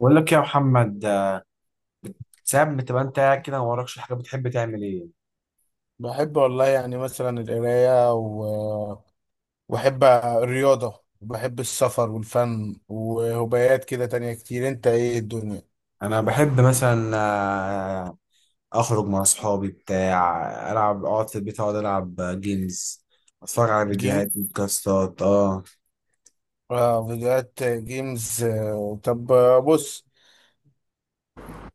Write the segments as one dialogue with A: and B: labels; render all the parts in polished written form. A: بقول لك يا محمد، ساعات بتبقى انت قاعد كده ما وراكش حاجه بتحب تعمل ايه؟
B: بحب والله يعني مثلا القراية وأحب الرياضة وبحب السفر والفن وهوايات كده تانية كتير. أنت إيه الدنيا؟
A: انا بحب مثلا اخرج مع اصحابي بتاع العب اقعد في البيت اقعد العب جيمز، اتفرج على
B: جيم؟
A: فيديوهات بودكاستات
B: آه، فيديوهات جيمز. طب، بص.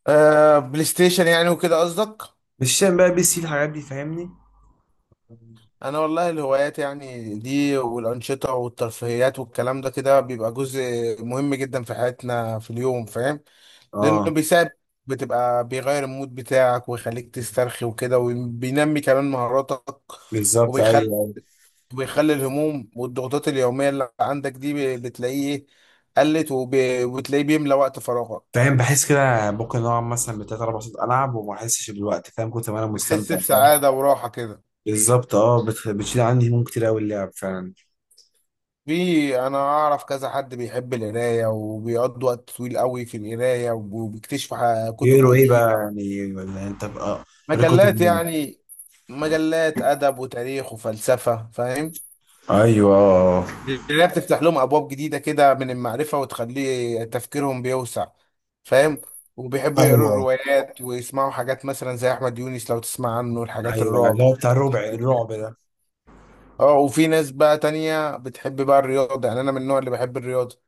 B: آه، بلاي ستيشن يعني وكده قصدك؟
A: مش شايف بقى بي سي الحاجات دي، فاهمني؟
B: أنا والله الهوايات يعني دي والأنشطة والترفيهيات والكلام ده كده بيبقى جزء مهم جدا في حياتنا في اليوم، فاهم؟ لانه
A: اه.
B: بيساعد، بتبقى بيغير المود بتاعك ويخليك تسترخي وكده وبينمي كمان مهاراتك.
A: بالظبط،
B: وبيخلي
A: ايوه ايوه،
B: وبيخلي الهموم والضغوطات اليومية اللي عندك دي بتلاقيه قلت، وبتلاقيه بيملى وقت فراغك.
A: فاهم. بحس كده ممكن اقعد مثلا بتلات اربع ساعات العب وما احسش بالوقت، فاهم؟ كنت انا
B: بتحس
A: مستمتع، فاهم؟
B: بسعادة وراحة كده.
A: بالظبط. اه، بتشيل عندي هموم كتير قوي اللعب فعلا.
B: في انا اعرف كذا حد بيحب القرايه وبيقضي وقت طويل قوي في القرايه وبيكتشف كتب
A: بيقولوا ايه بقى؟
B: جديده.
A: يعني ولا انت بقى؟ قريت
B: مجلات
A: كتب.
B: يعني، مجلات ادب وتاريخ وفلسفه، فاهم؟
A: ايوه
B: اللي هي بتفتح لهم ابواب جديده كده من المعرفه وتخلي تفكيرهم بيوسع، فاهم؟ وبيحبوا يقروا
A: ايوه.
B: الروايات ويسمعوا حاجات مثلا زي احمد يونس لو تسمع عنه، الحاجات
A: ايوه
B: الرعب.
A: اللي هو بتاع الربع الرعب ده.
B: اه، وفي ناس بقى تانية بتحب بقى الرياضه. يعني انا من النوع اللي بحب الرياضه،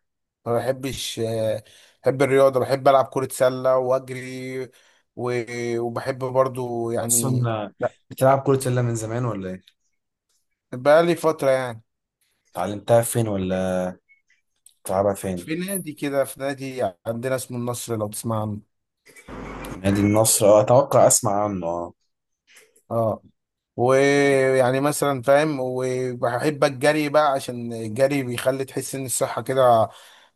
B: ما بحبش، بحب الرياضه، بحب العب كره سله واجري. و- وبحب برضو يعني.
A: اصلا
B: لا،
A: بتلعب كرة سلة من زمان ولا ايه؟
B: بقى لي فتره يعني.
A: اتعلمتها فين، ولا بتلعبها فين؟
B: في نادي كده، في نادي عندنا اسمه النصر لو تسمع عنه.
A: نادي النصر، اه اتوقع اسمع عنه، اه.
B: اه. ويعني مثلا فاهم، وبحب الجري بقى عشان الجري بيخلي تحس ان الصحة كده،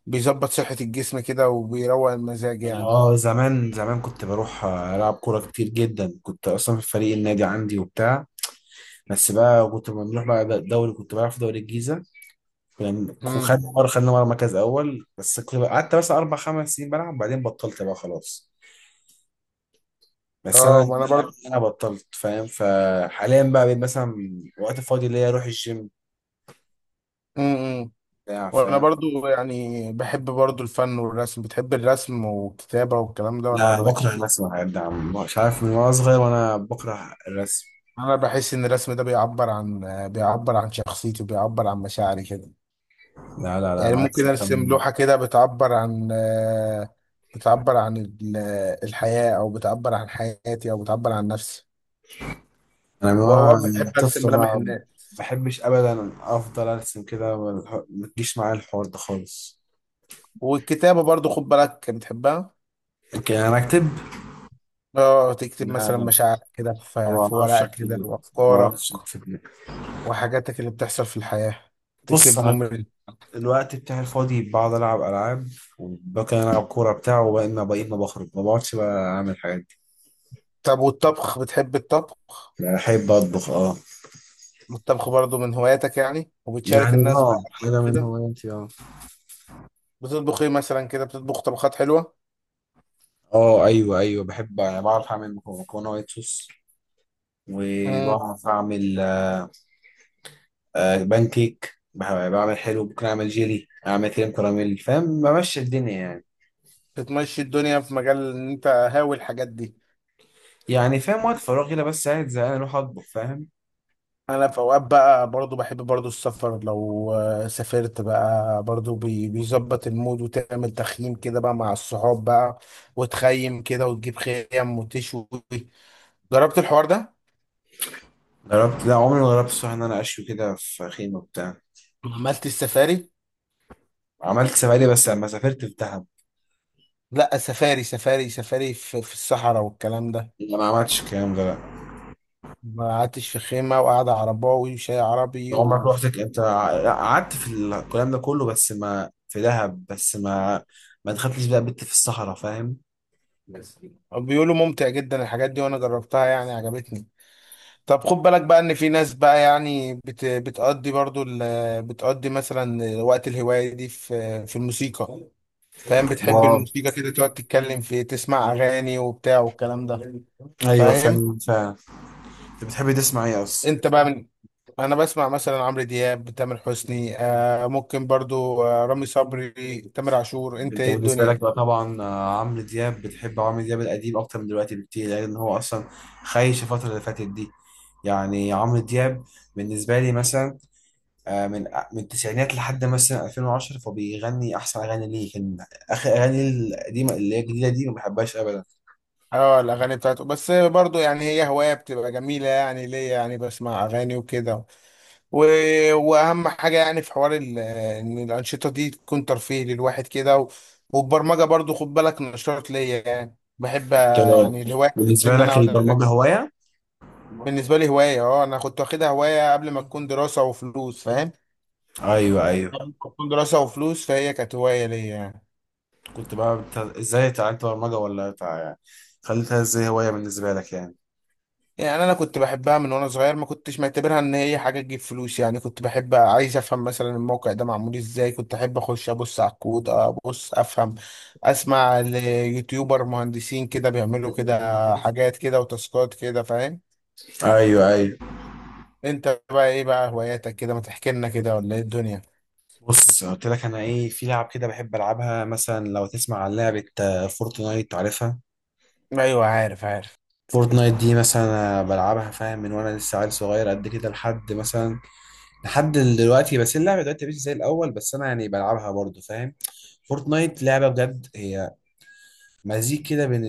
B: بيظبط صحة الجسم كده وبيروق المزاج
A: أنا
B: يعني.
A: اه زمان زمان كنت بروح العب كورة كتير جدا، كنت اصلا في فريق النادي عندي وبتاع. بس بقى كنت لما بنروح بقى الدوري كنت بلعب في دوري الجيزة.
B: امم.
A: وخدنا مرة خدنا مرة مركز اول، بس قعدت بس اربع خمس سنين بلعب، بعدين بطلت بقى خلاص. بس
B: اه،
A: انا،
B: وانا برضه.
A: بطلت، فاهم؟ فحاليا بقى بقيت مثلا وقت فاضي ليا اروح الجيم
B: امم.
A: بتاع،
B: وانا
A: فاهم؟
B: برضه يعني بحب برضه الفن والرسم. بتحب الرسم والكتابة والكلام ده، ولا
A: لا
B: مالكش
A: بكره
B: فيه؟
A: الرسم، يا ده عم، مش عارف، من وانا صغير وانا بكره الرسم.
B: انا بحس ان الرسم ده بيعبر عن، بيعبر عن شخصيتي وبيعبر عن مشاعري كده.
A: لا لا لا
B: يعني
A: انا
B: ممكن
A: عكسك
B: ارسم
A: تماما.
B: لوحة كده بتعبر عن، بتعبر عن الحياة، او بتعبر عن حياتي او بتعبر عن نفسي.
A: انا من
B: واوقات
A: وانا يعني
B: بحب ارسم
A: طفل
B: ملامح
A: انا
B: الناس.
A: بحبش ابدا افضل ارسم كده، ما تجيش معايا الحوار ده خالص.
B: والكتابة برضو خد بالك بتحبها.
A: لكن انا اكتب.
B: اه، تكتب
A: لا
B: مثلا
A: لا،
B: مشاعرك كده في
A: ما
B: في
A: بعرفش
B: ورقة كده،
A: اكتب، ما
B: وافكارك
A: بعرفش اكتب.
B: وحاجاتك اللي بتحصل في الحياة.
A: بص
B: تكتب
A: انا،
B: ممل.
A: الوقت بتاعي الفاضي بقعد العب العاب، وممكن العب كوره بتاع، وبقينا بقيت ما بخرج ما بقعدش بقى اعمل حاجات دي.
B: طب والطبخ، بتحب الطبخ؟
A: لا، بحب اطبخ، اه.
B: الطبخ برضو من هواياتك يعني؟ وبتشارك
A: يعني
B: الناس بقى
A: اه
B: أكلك
A: حاجه من
B: كده.
A: هواياتي، اه.
B: بتطبخ ايه مثلا كده؟ بتطبخ طبخات حلوة؟
A: اه ايوه ايوه، بحب يعني، بعرف اعمل مكرونة وايت صوص، وبعرف اعمل بان كيك، بعمل حلو، ممكن اعمل جيلي، اعمل كريم كراميل، فاهم، بمشي الدنيا يعني.
B: بتمشي الدنيا في مجال ان انت هاوي الحاجات دي.
A: يعني فاهم وقت فراغي، لا بس قاعد زهقان اروح اطبخ، فاهم؟
B: انا في اوقات بقى برضو بحب برضو السفر، لو سافرت بقى برضو، بيظبط المود وتعمل تخييم كده بقى مع الصحاب بقى، وتخيم كده وتجيب خيم وتشوي. جربت الحوار ده؟
A: جربت، لا عمري ما جربت الصراحه ان انا اشوي كده في خيمه بتاع.
B: عملت السفاري؟
A: عملت سفاري بس لما سافرت في دهب.
B: لا، سفاري في الصحراء والكلام ده.
A: لا ما عملتش الكلام ده، لا.
B: ما قعدتش في خيمة وقعدة عرباوي وشاي
A: ده
B: عربي
A: عمرك
B: و...
A: روحتك انت لا، قعدت في الكلام ده كله، بس ما في دهب بس ما، ما دخلتش بقى بت في الصحراء، فاهم؟
B: بيقولوا ممتع جدا الحاجات دي وانا جربتها يعني عجبتني. طب خد بالك بقى ان في ناس بقى يعني بتقضي برضو بتقضي مثلا وقت الهواية دي في الموسيقى. فاهم؟ بتحب
A: اه،
B: الموسيقى كده، تقعد تتكلم في تسمع اغاني وبتاع والكلام ده،
A: ايوه
B: فاهم؟
A: فعلا فعلا. انت بتحب تسمع ايه اصلا؟
B: انت بقى من انا بسمع مثلا عمرو دياب، تامر حسني، آه ممكن برضو آه رامي صبري، تامر عاشور. انت
A: انت
B: ايه
A: بالنسبه لك
B: الدنيا؟
A: بقى طبعا عمرو دياب، بتحب عمرو دياب القديم اكتر من دلوقتي بكتير، لان هو اصلا خايش الفتره اللي فاتت دي. يعني عمرو دياب بالنسبه لي مثلا، آه، من من التسعينات لحد مثلا 2010، فبيغني احسن اغاني ليه، كان اخر اغاني القديمه. اللي هي الجديده دي ما بحبهاش ابدا.
B: اه، الاغاني بتاعته. بس برضو يعني هي هوايه بتبقى جميله يعني ليا، يعني بسمع اغاني وكده، و... واهم حاجه يعني في حوار، ان الانشطه دي تكون ترفيه للواحد كده، والبرمجه برضو خد بالك نشاط ليا يعني. بحب
A: تمام.
B: يعني الهوايه بتاعتي
A: بالنسبه
B: ان انا
A: لك
B: اقعد
A: البرمجه
B: اذاكر برمجة.
A: هوايه؟
B: بالنسبه لي هوايه، اه. انا كنت واخدها هوايه قبل ما تكون دراسه وفلوس، فاهم؟
A: ايوه ايوه،
B: قبل ما تكون دراسه وفلوس، فهي كانت هوايه ليا يعني.
A: كنت بقى ازاي اتعلمت برمجه، ولا خليتها ازاي هوايه بالنسبه لك يعني؟
B: يعني انا كنت بحبها من وانا صغير، ما كنتش معتبرها ان هي حاجه تجيب فلوس يعني. كنت بحب، عايز افهم مثلا الموقع ده معمول ازاي، كنت احب اخش ابص على الكود، ابص افهم. اسمع ليوتيوبر مهندسين كده بيعملوا كده حاجات كده وتاسكات كده، فاهم؟
A: ايوه ايوه.
B: انت بقى ايه بقى هواياتك كده؟ ما تحكي لنا كده، ولا ايه الدنيا؟
A: بص قلت لك انا ايه، في لعب كده بحب العبها، مثلا لو تسمع عن لعبه فورتنايت، عارفها؟
B: ايوه، عارف.
A: فورتنايت دي مثلا أنا بلعبها، فاهم، من وانا لسه عيل صغير قد كده لحد مثلا، لحد دلوقتي، بس اللعبه دلوقتي مش زي الاول، بس انا يعني بلعبها برضو، فاهم؟ فورتنايت لعبه بجد، هي مزيج كده بين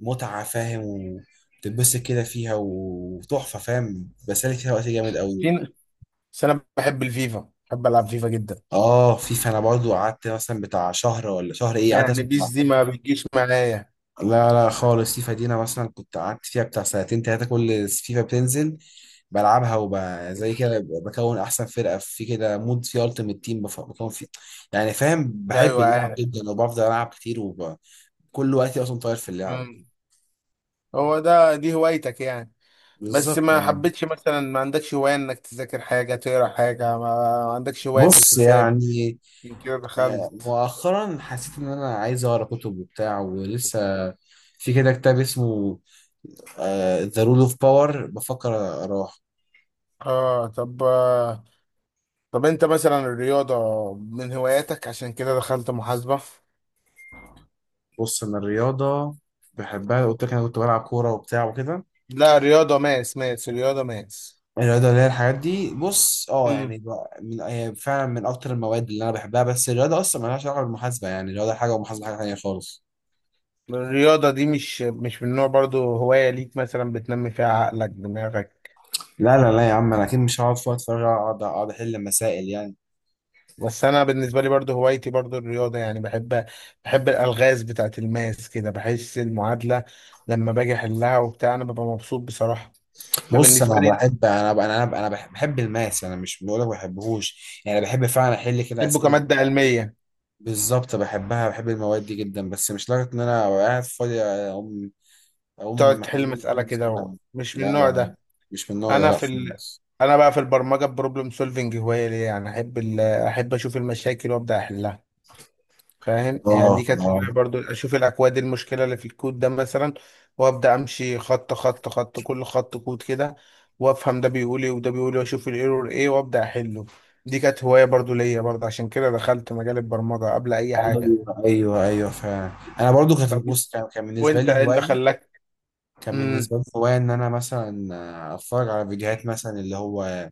A: المتعه، فاهم، وتتبسط كده فيها وتحفه، فاهم، بسالك فيها وقت جامد قوي.
B: فين؟ بس انا بحب الفيفا، بحب العب فيفا جدا.
A: اه فيفا، انا برضو قعدت مثلا بتاع شهر ولا شهر ايه، قعدت
B: يعني بيس
A: مثلا،
B: دي ما بتجيش معايا.
A: لا لا خالص، فيفا دي انا مثلا كنت قعدت فيها بتاع سنتين تلاتة، كل فيفا بتنزل بلعبها، زي كده بكون احسن فرقة في كده مود في التيمت تيم، بكون فيه، يعني فاهم، بحب
B: ايوه
A: اللعب
B: عارف.
A: جدا، وبفضل العب كتير، وكل وقتي اصلا طاير في اللعب.
B: مم. هو ده دي هوايتك يعني؟ بس
A: بالظبط.
B: ما حبيتش مثلا، ما عندكش هواية انك تذاكر حاجة، تقرا حاجة؟ ما عندكش هواية في
A: بص
B: الحساب؟
A: يعني
B: عشان كده دخلت.
A: مؤخرا حسيت ان انا عايز اقرا كتب وبتاع، ولسه في كده كتاب اسمه ذا رول اوف باور، بفكر اقراه.
B: اه طب، طب انت مثلا الرياضة من هواياتك؟ عشان كده دخلت محاسبة.
A: بص انا الرياضه بحبها، قلت لك انا كنت بلعب كوره وبتاع وكده.
B: لا، رياضة ماس رياضة ماس.
A: الرياضه اللي هي الحاجات دي، بص اه
B: امم.
A: يعني من هي فعلا من اكتر المواد اللي انا بحبها، بس الرياضه اصلا مالهاش علاقه بالمحاسبه، يعني الرياضه حاجه والمحاسبه حاجه تانيه خالص.
B: الرياضة دي مش من نوع برضو هواية ليك، مثلا بتنمي فيها عقلك دماغك؟
A: لا لا لا يا عم، انا اكيد مش هقعد في وقت فراغ اقعد احل مسائل يعني.
B: بس انا بالنسبه لي برضو هوايتي برضو الرياضه يعني. بحب الالغاز بتاعه الماس كده، بحس المعادله لما باجي احلها وبتاع انا ببقى مبسوط بصراحه.
A: بص
B: فبالنسبه
A: انا
B: لي
A: بحب، انا انا انا أنا بحب، الماس. انا مش بقول لك ما بحبهوش، يعني بحب فعلا احل كده
B: بحبه
A: اسئله.
B: كماده علميه.
A: بالظبط بحبها، بحب المواد دي جدا، بس مش لدرجه ان انا قاعد فاضي
B: تقعد
A: أقوم
B: تحل
A: محلل
B: مساله
A: خمس
B: كده،
A: أيام.
B: مش من
A: لا
B: النوع
A: لا،
B: ده.
A: مش من النوع ده،
B: انا
A: لا
B: في
A: خالص.
B: انا بقى في البرمجه بروبلم سولفنج هوايه ليا، يعني احب احب اشوف المشاكل وابدا احلها، فاهم؟
A: اه
B: يعني دي كانت
A: اه
B: فكرة برضو، اشوف الاكواد المشكله اللي في الكود ده مثلا، وابدا امشي خط خط خط كل خط كود كده، وافهم ده بيقول ايه وده بيقول ايه واشوف الايرور ايه وابدا احله. دي كانت هوايه برضو ليا برضو، عشان كده دخلت مجال البرمجه قبل اي حاجه.
A: ايوه ايوه ايوه فعلا. انا برضو كانت،
B: طب
A: بص كان بالنسبه
B: وانت
A: لي
B: ايه اللي
A: هوايه،
B: خلاك؟
A: كان
B: امم.
A: بالنسبه لي هوايه ان انا مثلا اتفرج على فيديوهات، مثلا اللي هو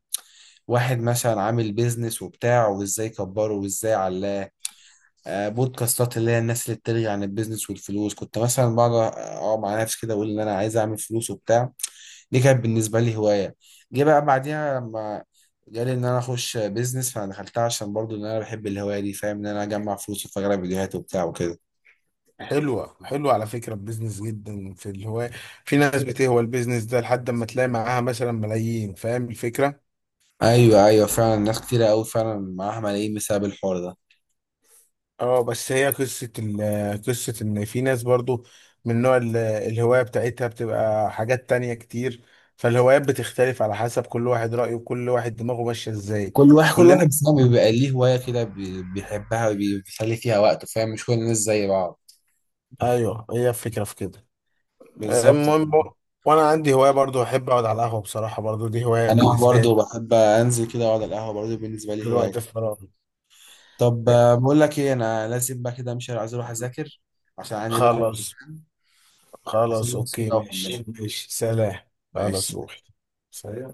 A: واحد مثلا عامل بيزنس وبتاع، وازاي كبره وازاي علاه. بودكاستات اللي هي الناس اللي بتلغي عن البيزنس والفلوس، كنت مثلا بقعد اقعد مع نفسي كده، اقول ان انا عايز اعمل فلوس وبتاع. دي كانت بالنسبة لي هواية. جه بقى بعديها لما جالي إن أنا أخش بيزنس، فأنا دخلتها عشان برضو إن أنا بحب الهواية دي، فاهم، إن أنا أجمع فلوس وأتفرج على فيديوهات وبتاع وكده.
B: حلوه حلوه على فكره، البيزنس جدا في الهوايه. في ناس بتهوى البيزنس ده لحد ما تلاقي معاها مثلا ملايين، فاهم الفكره؟
A: أيوه أيوه فعلا، ناس كتيرة أوي فعلا معاها ملايين بسبب الحوار ده.
B: اه، بس هي قصة قصة ان في ناس برضو من نوع الهواية بتاعتها بتبقى حاجات تانية كتير. فالهوايات بتختلف على حسب كل واحد رأيه وكل واحد دماغه ماشية ازاي. مش
A: كل
B: كلنا.
A: واحد فيهم بيبقى ليه هواية كده، بيحبها وبيسلي فيها وقته، فاهم؟ مش كل الناس زي بعض.
B: ايوه، هي الفكرة في كده.
A: بالظبط.
B: المهم وانا عندي هواية برضو، احب اقعد على القهوة بصراحة، برضو دي هواية
A: أنا
B: بالنسبة
A: برضو
B: لي
A: بحب أنزل كده أقعد على القهوة، برضو بالنسبة
B: في
A: لي هواية.
B: الوقت الفراغ.
A: طب بقول لك إيه، أنا لازم بقى كده أمشي، عايز أروح أذاكر عشان عندي بكرة
B: خلاص.
A: امتحان.
B: خلاص،
A: عشان بس
B: اوكي،
A: كده وأكملها.
B: ماشي ماشي، سلام. خلاص،
A: ماشي
B: روح. سلام.